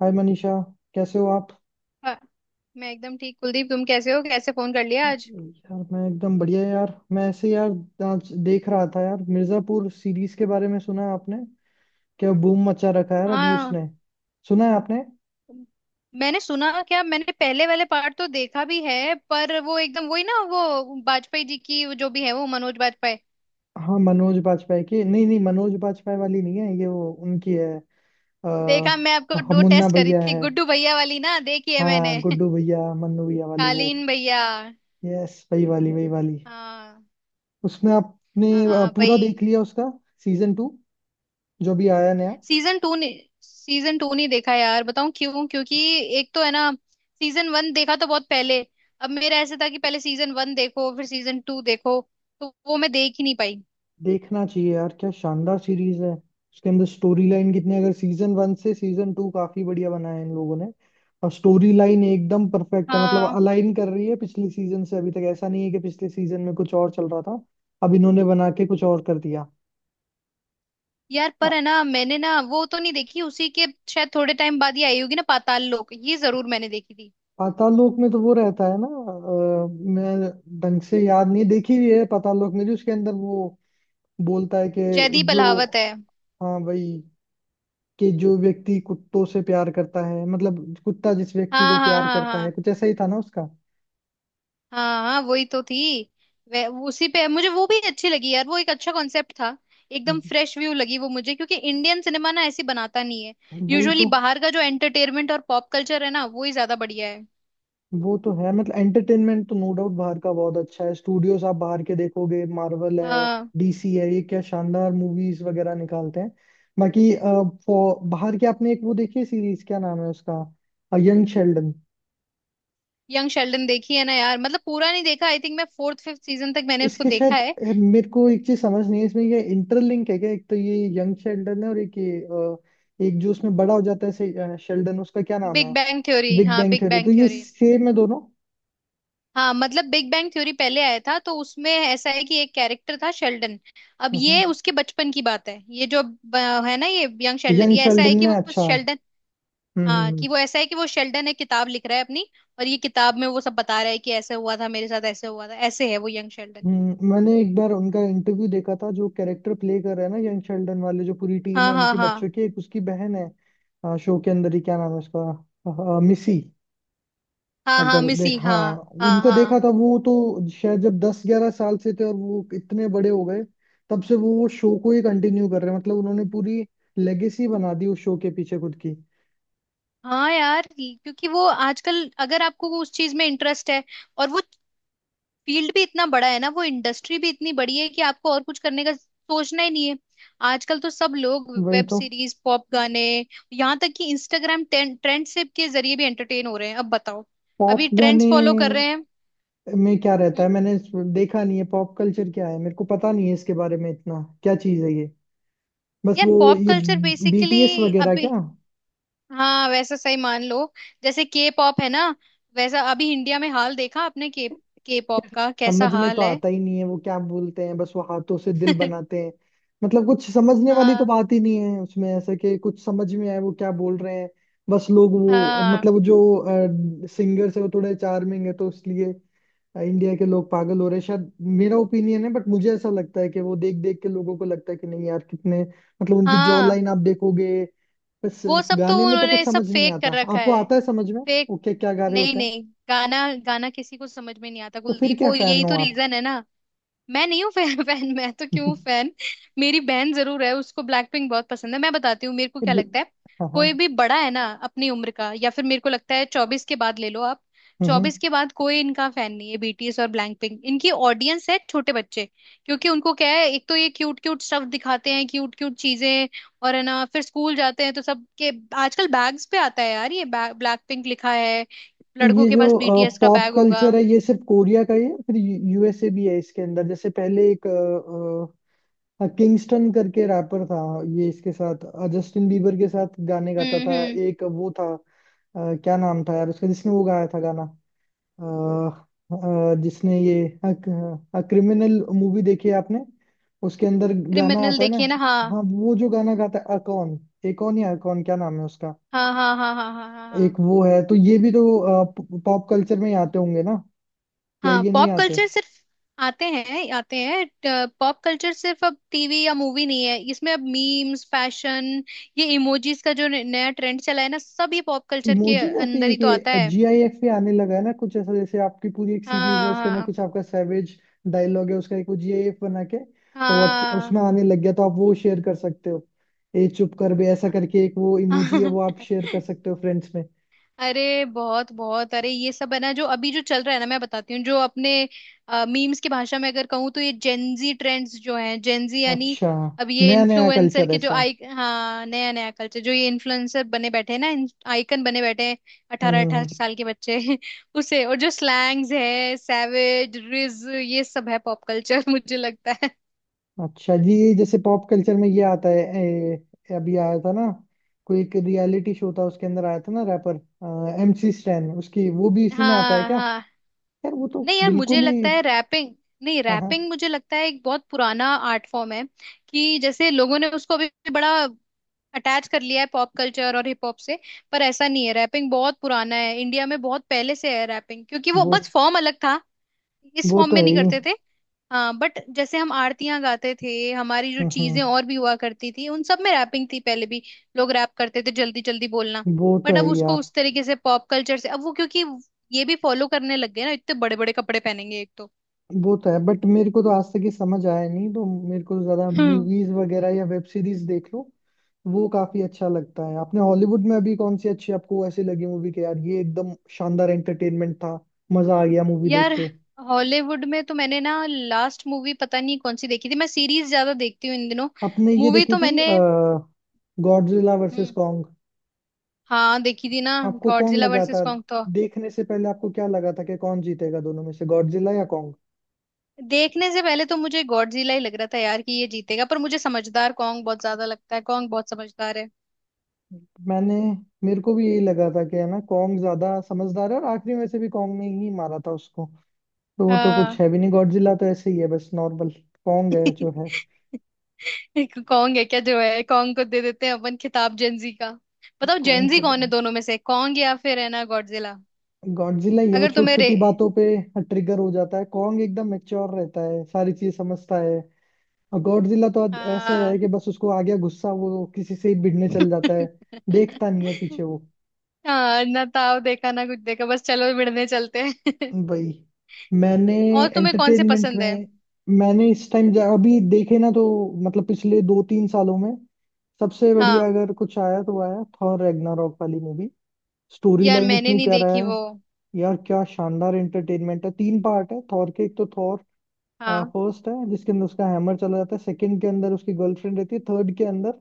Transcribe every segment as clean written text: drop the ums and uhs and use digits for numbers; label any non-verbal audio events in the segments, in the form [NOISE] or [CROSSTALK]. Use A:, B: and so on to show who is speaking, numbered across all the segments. A: हाय मनीषा, कैसे हो आप?
B: हाँ, मैं एकदम ठीक कुलदीप। तुम कैसे हो? कैसे फोन कर लिया आज?
A: यार, मैं एकदम बढ़िया। यार, मैं ऐसे यार आज देख रहा था। यार, मिर्जापुर सीरीज के बारे में सुना है आपने? क्या बूम मचा रखा है यार अभी
B: हाँ,
A: उसने। सुना है आपने?
B: मैंने सुना। क्या मैंने पहले वाले पार्ट तो देखा भी है पर वो एकदम वही ना, वो वाजपेयी जी की, वो जो भी है वो मनोज वाजपेयी।
A: हाँ, मनोज बाजपेयी की नहीं, नहीं मनोज बाजपेयी वाली नहीं है ये, वो उनकी है।
B: देखा, मैं आपको
A: आ,
B: दो
A: मुन्ना
B: टेस्ट करी
A: भैया
B: थी,
A: है।
B: गुड्डू भैया वाली ना? देखी है
A: हाँ,
B: मैंने [LAUGHS]
A: गुड्डू भैया, मन्नू भैया वाली वो।
B: कालीन भैया।
A: यस, वही वाली वही वाली।
B: हाँ।
A: उसमें आपने
B: हाँ
A: पूरा देख
B: भाई।
A: लिया उसका सीजन टू, जो भी आया नया?
B: सीजन टू ने सीजन टू नहीं देखा यार। बताऊं क्यों? क्योंकि एक तो है ना, सीजन वन देखा तो बहुत पहले। अब मेरा ऐसे था कि पहले सीजन वन देखो फिर सीजन टू देखो, तो वो मैं देख ही नहीं पाई।
A: देखना चाहिए यार, क्या शानदार सीरीज है। उसके अंदर स्टोरी लाइन कितनी, अगर सीजन वन से सीजन टू काफी बढ़िया बनाया है इन लोगों ने। और स्टोरी लाइन एकदम परफेक्ट है, मतलब
B: हाँ।
A: अलाइन कर रही है पिछले सीजन से। अभी तक ऐसा नहीं है कि पिछले सीजन में कुछ और चल रहा था, अब इन्होंने बना के कुछ और कर दिया।
B: यार
A: आ-
B: पर है ना, मैंने ना वो तो नहीं देखी, उसी के शायद थोड़े टाइम बाद ही आई होगी ना पाताल लोक, ये जरूर मैंने देखी थी।
A: पाताल लोक में तो वो रहता है ना। मैं ढंग से याद नहीं, देखी हुई है पाताल लोक। में जो उसके अंदर वो बोलता है कि
B: जयदीप
A: जो,
B: अहलावत है।
A: हाँ भाई, कि जो व्यक्ति कुत्तों से प्यार करता है, मतलब कुत्ता जिस व्यक्ति
B: हाँ
A: को
B: हाँ
A: प्यार
B: हाँ
A: करता है,
B: हाँ।
A: कुछ ऐसा ही था ना उसका।
B: हाँ हाँ, वही तो थी। वह उसी पे मुझे वो भी अच्छी लगी यार। वो एक अच्छा कॉन्सेप्ट था। एकदम फ्रेश व्यू लगी वो मुझे, क्योंकि इंडियन सिनेमा ना ऐसी बनाता नहीं है।
A: वही
B: यूजुअली
A: तो।
B: बाहर का जो एंटरटेनमेंट और पॉप कल्चर है ना, वो ही ज्यादा बढ़िया है।
A: वो तो है, मतलब एंटरटेनमेंट तो नो डाउट बाहर का बहुत अच्छा है। स्टूडियोज आप बाहर के देखोगे, मार्वल है,
B: हाँ।
A: डीसी है, ये क्या शानदार मूवीज वगैरह निकालते हैं। बाकी बाहर के आपने एक वो देखी सीरीज, क्या नाम है उसका, यंग शेल्डन?
B: यंग शेल्डन देखी है ना यार। मतलब पूरा नहीं देखा। आई थिंक मैं फोर्थ फिफ्थ सीजन तक मैंने उसको
A: इसके
B: देखा
A: शायद
B: है।
A: मेरे को एक चीज समझ नहीं है इसमें, ये इंटरलिंक है क्या? एक तो ये यंग शेल्डन है, और एक ये एक जो उसमें बड़ा हो जाता है शेल्डन, उसका क्या नाम है?
B: Big Bang Theory.
A: बिग
B: हाँ,
A: बैंग
B: बिग
A: थ्योरी तो
B: बैंग
A: ये
B: थ्योरी।
A: सेम है दोनों?
B: हाँ, मतलब बिग बैंग थ्योरी पहले आया था तो उसमें ऐसा है कि एक कैरेक्टर था शेल्डन। अब
A: हम्म,
B: ये उसके बचपन की बात है, ये जो है ना, ये यंग शेल्डन।
A: यंग
B: ये ऐसा
A: शेल्डन
B: है कि
A: में।
B: वो
A: अच्छा। हम्म।
B: शेल्डन। हाँ
A: हम्म।
B: कि, वो ऐसा है कि वो शेल्डन है, किताब लिख रहा है अपनी। और ये किताब में वो सब बता रहा है कि ऐसे हुआ था मेरे साथ, ऐसे हुआ था, ऐसे है वो यंग शेल्डन।
A: मैंने एक बार उनका इंटरव्यू देखा था, जो कैरेक्टर प्ले कर रहे हैं ना यंग शेल्डन वाले, जो पूरी टीम
B: हाँ
A: है
B: हाँ
A: उनकी
B: हाँ
A: बच्चों की, एक उसकी बहन है। शो के अंदर ही क्या नाम है उसका? अ, मिसी।
B: हाँ। हाँ
A: अगर देख,
B: मिसी,
A: हाँ।
B: हाँ हाँ।
A: उनको देखा
B: हाँ
A: था, वो तो शायद जब 10-11 साल से थे, और वो इतने बड़े हो गए। तब से वो शो को ही कंटिन्यू कर रहे हैं। मतलब उन्होंने पूरी लेगेसी बना दी उस शो के पीछे खुद की।
B: हाँ। यार क्योंकि वो आजकल, अगर आपको वो उस चीज में इंटरेस्ट है, और वो फील्ड भी इतना बड़ा है ना, वो इंडस्ट्री भी इतनी बड़ी है कि आपको और कुछ करने का सोचना ही नहीं है। आजकल तो सब लोग
A: वही
B: वेब
A: तो।
B: सीरीज, पॉप गाने, यहाँ तक कि इंस्टाग्राम ट्रेंड से के जरिए भी एंटरटेन हो रहे हैं। अब बताओ,
A: पॉप
B: अभी ट्रेंड्स
A: गाने
B: फॉलो कर रहे हैं।
A: में क्या रहता
B: हम्म?
A: है? देखा नहीं है। पॉप कल्चर क्या है, मेरे को पता नहीं है इसके बारे में, इतना क्या चीज है ये? बस
B: यार
A: वो
B: पॉप
A: ये
B: कल्चर
A: बीटीएस
B: बेसिकली
A: वगैरह क्या?
B: अभी हाँ वैसा सही मान लो। जैसे के पॉप है ना, वैसा अभी इंडिया में हाल देखा आपने? के पॉप
A: यार,
B: का कैसा
A: समझ में तो
B: हाल है।
A: आता ही नहीं है वो क्या बोलते हैं। बस वो हाथों से दिल
B: [LAUGHS]
A: बनाते हैं। मतलब कुछ समझने वाली तो
B: हाँ
A: बात ही नहीं है उसमें, ऐसा कि कुछ समझ में आए वो क्या बोल रहे हैं। बस लोग वो,
B: हाँ
A: मतलब जो सिंगर्स है वो थोड़े चार्मिंग है तो इसलिए इंडिया के लोग पागल हो रहे हैं शायद। मेरा ओपिनियन है, बट मुझे ऐसा लगता है कि वो देख देख के लोगों को लगता है कि नहीं यार कितने, मतलब उनकी जॉ
B: हाँ।
A: लाइन आप देखोगे। बस।
B: वो सब तो
A: गाने में तो
B: उन्होंने
A: कुछ
B: सब
A: समझ नहीं
B: फेक कर
A: आता,
B: रखा
A: आपको
B: है।
A: आता है समझ में?
B: फेक।
A: ओके, क्या गा रहे
B: नहीं
A: होते हैं।
B: नहीं। गाना। गाना किसी को समझ में नहीं आता
A: तो फिर
B: कुलदीप,
A: क्या
B: वो
A: फैन
B: यही
A: हो
B: तो
A: आप?
B: रीजन है ना। मैं नहीं हूँ फैन फैन [LAUGHS] मैं तो क्यों
A: [LAUGHS]
B: फैन? मेरी बहन जरूर है, उसको ब्लैक पिंक बहुत पसंद है। मैं बताती हूँ मेरे को
A: ये
B: क्या
A: ब्ल-
B: लगता है।
A: हाँ हाँ।
B: कोई भी बड़ा है ना अपनी उम्र का, या फिर मेरे को लगता है 24 के बाद ले लो आप।
A: हम्म हम्म।
B: 24 के बाद कोई इनका फैन नहीं है। बीटीएस और ब्लैक पिंक इनकी ऑडियंस है छोटे बच्चे। क्योंकि उनको क्या है, एक तो ये क्यूट क्यूट स्टफ दिखाते हैं, क्यूट क्यूट चीजें। और है ना, फिर स्कूल जाते हैं तो सब के आजकल बैग्स पे आता है यार ये ब्लैक पिंक लिखा है।
A: तो
B: लड़कों
A: ये
B: के
A: जो
B: पास बीटीएस का
A: पॉप
B: बैग होगा।
A: कल्चर है, ये सिर्फ कोरिया का ही है, फिर यूएसए भी है इसके अंदर। जैसे पहले एक किंगस्टन करके रैपर था, ये इसके साथ, जस्टिन बीबर के साथ गाने गाता था।
B: हम्म।
A: एक वो था, क्या नाम था यार उसका, जिसने वो गाया था गाना, जिसने ये क्रिमिनल मूवी देखी है आपने? उसके अंदर गाना
B: क्रिमिनल
A: आता है ना।
B: देखिए ना। हाँ
A: हाँ, वो जो गाना गाता है अकॉन, एकॉन या अकॉन, क्या नाम है उसका।
B: हाँ हाँ हाँ हाँ हाँ हाँ।
A: एक
B: हाँ
A: वो है, तो ये भी तो पॉप कल्चर में ही आते होंगे ना, या
B: हाँ।
A: ये नहीं
B: पॉप
A: आते?
B: कल्चर सिर्फ आते हैं, आते हैं। पॉप कल्चर सिर्फ अब टीवी या मूवी नहीं है, इसमें अब मीम्स, फैशन, ये इमोजीज का जो नया ट्रेंड चला है ना, सब ये पॉप कल्चर के
A: इमोजी या फिर
B: अंदर ही तो आता
A: एक
B: है।
A: जीआईएफ भी आने लगा है ना, कुछ ऐसा जैसे आपकी पूरी एक सीरीज है, उसके अंदर
B: हाँ
A: कुछ आपका सैवेज डायलॉग है, उसका एक वो जीआईएफ बना के, और
B: हाँ
A: उसमें आने लग गया, तो आप वो शेयर कर सकते हो। ए चुप कर बे ऐसा करके, एक वो इमोजी है
B: हाँ।
A: वो
B: [LAUGHS]
A: आप शेयर कर सकते हो फ्रेंड्स में।
B: अरे बहुत बहुत, अरे ये सब है ना जो अभी जो चल रहा है ना, मैं बताती हूँ जो अपने मीम्स की भाषा में अगर कहूँ तो, ये जेनजी ट्रेंड्स जो हैं, जेनजी यानी
A: अच्छा।
B: अब ये
A: नया नया
B: इन्फ्लुएंसर
A: कल्चर
B: के जो
A: ऐसा।
B: आई, हाँ, नया नया कल्चर। जो ये इन्फ्लुएंसर बने बैठे हैं ना, आइकन बने बैठे हैं।
A: हम्म
B: अठारह
A: हम्म,
B: अठारह
A: हम्म।
B: साल के बच्चे [LAUGHS] उसे और जो स्लैंग्स है, सैवेज, रिज, ये सब है पॉप कल्चर [LAUGHS] मुझे लगता है।
A: अच्छा जी, ये जैसे पॉप कल्चर में ये आता है, अभी आया था ना कोई एक रियलिटी शो, था उसके अंदर आया था ना, रैपर एमसी स्टैन, उसकी वो भी इसी में आता है
B: हाँ
A: क्या?
B: हाँ।
A: यार वो तो
B: नहीं यार, मुझे
A: बिल्कुल ही।
B: लगता है रैपिंग, नहीं
A: हाँ हाँ।
B: रैपिंग मुझे लगता है एक बहुत पुराना आर्ट फॉर्म है। कि जैसे लोगों ने उसको अभी भी बड़ा अटैच कर लिया है पॉप कल्चर और हिप हॉप से, पर ऐसा नहीं है। रैपिंग बहुत पुराना है, इंडिया में बहुत पहले से है रैपिंग, क्योंकि वो
A: वो।
B: बस फॉर्म अलग था, इस
A: वो
B: फॉर्म
A: तो
B: में
A: है
B: नहीं
A: ही।
B: करते थे। हाँ बट जैसे हम आरतियां गाते थे, हमारी जो
A: हम्म
B: चीजें
A: हम्म,
B: और भी हुआ करती थी, उन सब में रैपिंग थी पहले भी। लोग रैप करते थे, जल्दी जल्दी बोलना।
A: वो तो
B: बट
A: है
B: अब
A: ही
B: उसको
A: यार।
B: उस तरीके से पॉप कल्चर से, अब वो क्योंकि ये भी फॉलो करने लग गए ना, इतने बड़े बड़े कपड़े पहनेंगे एक तो।
A: वो तो है, बट मेरे को तो आज तक ये समझ आया नहीं। तो मेरे को ज्यादा
B: हम्म।
A: मूवीज वगैरह या वेब सीरीज देख लो, वो काफी अच्छा लगता है। आपने हॉलीवुड में अभी कौन सी अच्छी आपको ऐसी लगी मूवी के यार ये एकदम शानदार एंटरटेनमेंट था, मजा आ गया मूवी देख
B: यार
A: के?
B: हॉलीवुड में तो मैंने ना लास्ट मूवी पता नहीं कौन सी देखी थी, मैं सीरीज ज्यादा देखती हूँ इन दिनों।
A: आपने ये
B: मूवी
A: देखी
B: तो
A: थी,
B: मैंने
A: गॉडजिला वर्सेस
B: हम्म
A: कॉन्ग?
B: हाँ देखी थी ना।
A: आपको कौन
B: गॉडजिला
A: लगा
B: वर्सेस
A: था?
B: कॉन्ग।
A: देखने से पहले आपको क्या लगा था कि कौन जीतेगा दोनों में से, गॉडजिला या कॉन्ग?
B: देखने से पहले तो मुझे गॉडजिला ही लग रहा था यार कि ये जीतेगा, पर मुझे समझदार कॉन्ग बहुत ज्यादा लगता है, कॉन्ग बहुत समझदार है।
A: मैंने, मेरे को भी यही लगा था कि है ना कॉन्ग ज्यादा समझदार है, और आखिरी में से भी कॉन्ग ने ही मारा था उसको। तो वो तो कुछ
B: हाँ
A: है भी नहीं, गॉडजिला तो ऐसे ही है, बस नॉर्मल। कॉन्ग है जो है।
B: [LAUGHS] एक कॉन्ग है क्या जो है, कॉन्ग को दे देते हैं अपन खिताब जेंजी का। बताओ
A: कॉन्ग
B: जेंजी
A: को।
B: कौन है दोनों में से, कॉन्ग या फिर है ना गॉडजिला?
A: गॉडजिला ये वो
B: अगर
A: छोटी
B: तुम्हें रे
A: छोटी बातों पे ट्रिगर हो जाता है, कॉन्ग एकदम मेच्योर रहता है, सारी चीज समझता है। और गॉडजिला तो अब ऐसा है
B: हाँ
A: कि बस उसको आ गया गुस्सा, वो किसी से ही भिड़ने चल जाता है, देखता नहीं है पीछे
B: [LAUGHS]
A: वो।
B: हाँ ना, ताव देखा ना कुछ देखा, बस चलो मिलने चलते हैं।
A: भाई। मैंने
B: [LAUGHS] और तुम्हें कौन से
A: एंटरटेनमेंट
B: पसंद है?
A: में, मैंने इस टाइम अभी देखे ना तो, मतलब पिछले 2-3 सालों में सबसे बढ़िया
B: हाँ
A: अगर कुछ आया, तो आया थॉर रैग्नारॉक वाली मूवी। स्टोरी
B: यार
A: लाइन
B: मैंने
A: इतनी
B: नहीं
A: प्यारा
B: देखी
A: है।
B: वो।
A: यार, क्या शानदार एंटरटेनमेंट है। तीन पार्ट है थॉर के, एक तो थॉर
B: हाँ।
A: फर्स्ट है, जिसके अंदर उसका हैमर चला जाता है, सेकंड के अंदर उसकी गर्लफ्रेंड रहती है, थर्ड के अंदर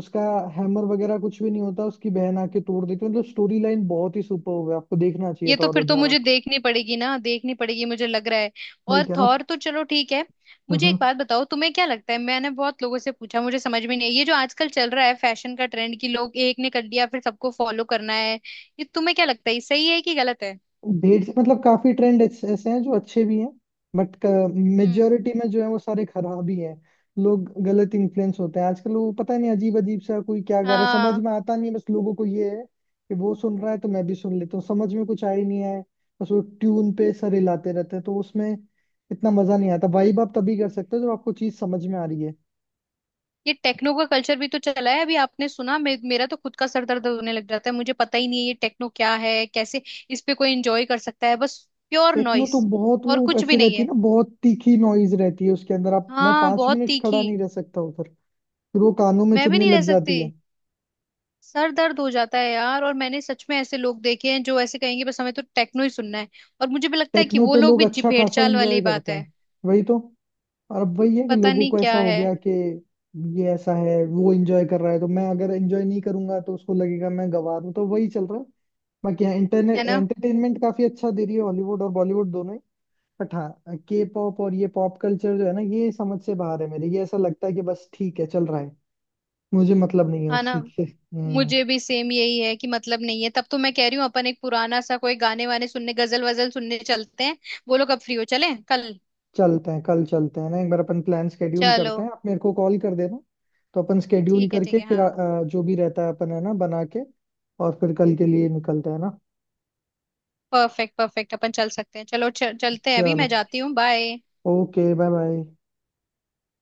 A: उसका हैमर वगैरह कुछ भी नहीं होता, उसकी बहन आके तोड़ देती है। मतलब स्टोरी लाइन बहुत ही सुपर है, आपको देखना चाहिए
B: ये
A: था
B: तो
A: और
B: फिर तो मुझे
A: रेगनारॉक।
B: देखनी पड़ेगी ना, देखनी पड़ेगी मुझे लग रहा है।
A: वही
B: और
A: कह रहा हूँ।
B: थॉर तो चलो ठीक है। मुझे
A: हम्म।
B: एक बात बताओ, तुम्हें क्या लगता है? मैंने बहुत लोगों से पूछा, मुझे समझ में नहीं है ये जो आजकल चल रहा है फैशन का ट्रेंड, कि लोग एक ने कर लिया फिर सबको फॉलो करना है। ये तुम्हें क्या लगता है, ये सही है कि गलत है?
A: ढेर से, मतलब काफी ट्रेंड ऐसे ऐसे हैं जो अच्छे भी हैं, बट
B: हम्म।
A: मेजोरिटी में जो है वो सारे खराब ही हैं। लोग गलत इन्फ्लुएंस होते हैं आजकल। वो पता नहीं अजीब अजीब सा कोई क्या गा रहा है, समझ
B: हाँ।
A: में आता नहीं है, बस लोगों को ये है कि वो सुन रहा है तो मैं भी सुन लेता हूँ, समझ में कुछ आ ही नहीं है। बस वो ट्यून पे सर हिलाते रहते हैं, तो उसमें इतना मजा नहीं आता। वाइब आप तभी कर सकते हो जब आपको चीज समझ में आ रही है।
B: ये टेक्नो का कल्चर भी तो चला है, अभी आपने सुना, मेरा तो खुद का सर दर्द होने लग जाता है, मुझे पता ही नहीं है ये टेक्नो क्या है, कैसे इस पे कोई एंजॉय कर सकता है। बस प्योर
A: टेक्नो तो
B: नॉइस
A: बहुत वो
B: और कुछ भी
A: ऐसे
B: नहीं
A: रहती है
B: है।
A: ना, बहुत तीखी नॉइज रहती है उसके अंदर, आप, मैं
B: हाँ
A: पांच
B: बहुत
A: मिनट खड़ा
B: तीखी।
A: नहीं रह सकता उधर। फिर वो कानों में
B: मैं भी
A: चुभने
B: नहीं रह
A: लग जाती
B: सकती,
A: है।
B: सर दर्द हो जाता है यार। और मैंने सच में ऐसे लोग देखे हैं जो ऐसे कहेंगे, बस हमें तो टेक्नो ही सुनना है। और मुझे भी लगता है कि
A: टेक्नो
B: वो
A: पे
B: लोग
A: लोग
B: भी
A: अच्छा खासा
B: भेड़चाल वाली
A: एंजॉय
B: ही बात
A: करते हैं।
B: है।
A: वही तो। और अब वही है कि
B: पता
A: लोगों
B: नहीं
A: को ऐसा
B: क्या
A: हो
B: है।
A: गया कि ये ऐसा है, वो एंजॉय कर रहा है, तो मैं अगर एंजॉय नहीं करूंगा तो उसको लगेगा मैं गंवार हूं, तो वही चल रहा है। बाकी हाँ,
B: है
A: इंटरनेट
B: ना।
A: एंटरटेनमेंट काफी अच्छा दे रही है, हॉलीवुड और बॉलीवुड दोनों ही। बट हाँ, के पॉप और ये पॉप कल्चर जो है ना, ये समझ से बाहर है मेरे। ये ऐसा लगता है कि बस ठीक है चल रहा है, मुझे मतलब नहीं है
B: हाँ
A: उस
B: ना।
A: चीज से। हम्म।
B: मुझे भी सेम यही है कि मतलब नहीं है, तब तो मैं कह रही हूँ अपन एक पुराना सा कोई गाने वाने सुनने, गजल वजल सुनने चलते हैं। बोलो कब फ्री हो, चले कल?
A: चलते हैं, कल चलते हैं ना, एक बार अपन प्लान स्केड्यूल
B: चलो
A: करते हैं, आप मेरे को कॉल कर देना। तो अपन स्केड्यूल
B: ठीक है, ठीक
A: करके
B: है।
A: फिर
B: हाँ
A: जो भी रहता है अपन है ना बना के, और फिर कल के लिए निकलते हैं ना।
B: परफेक्ट परफेक्ट, अपन चल सकते हैं। चलो चलते हैं अभी,
A: चलो,
B: मैं जाती हूँ, बाय।
A: Okay, bye bye.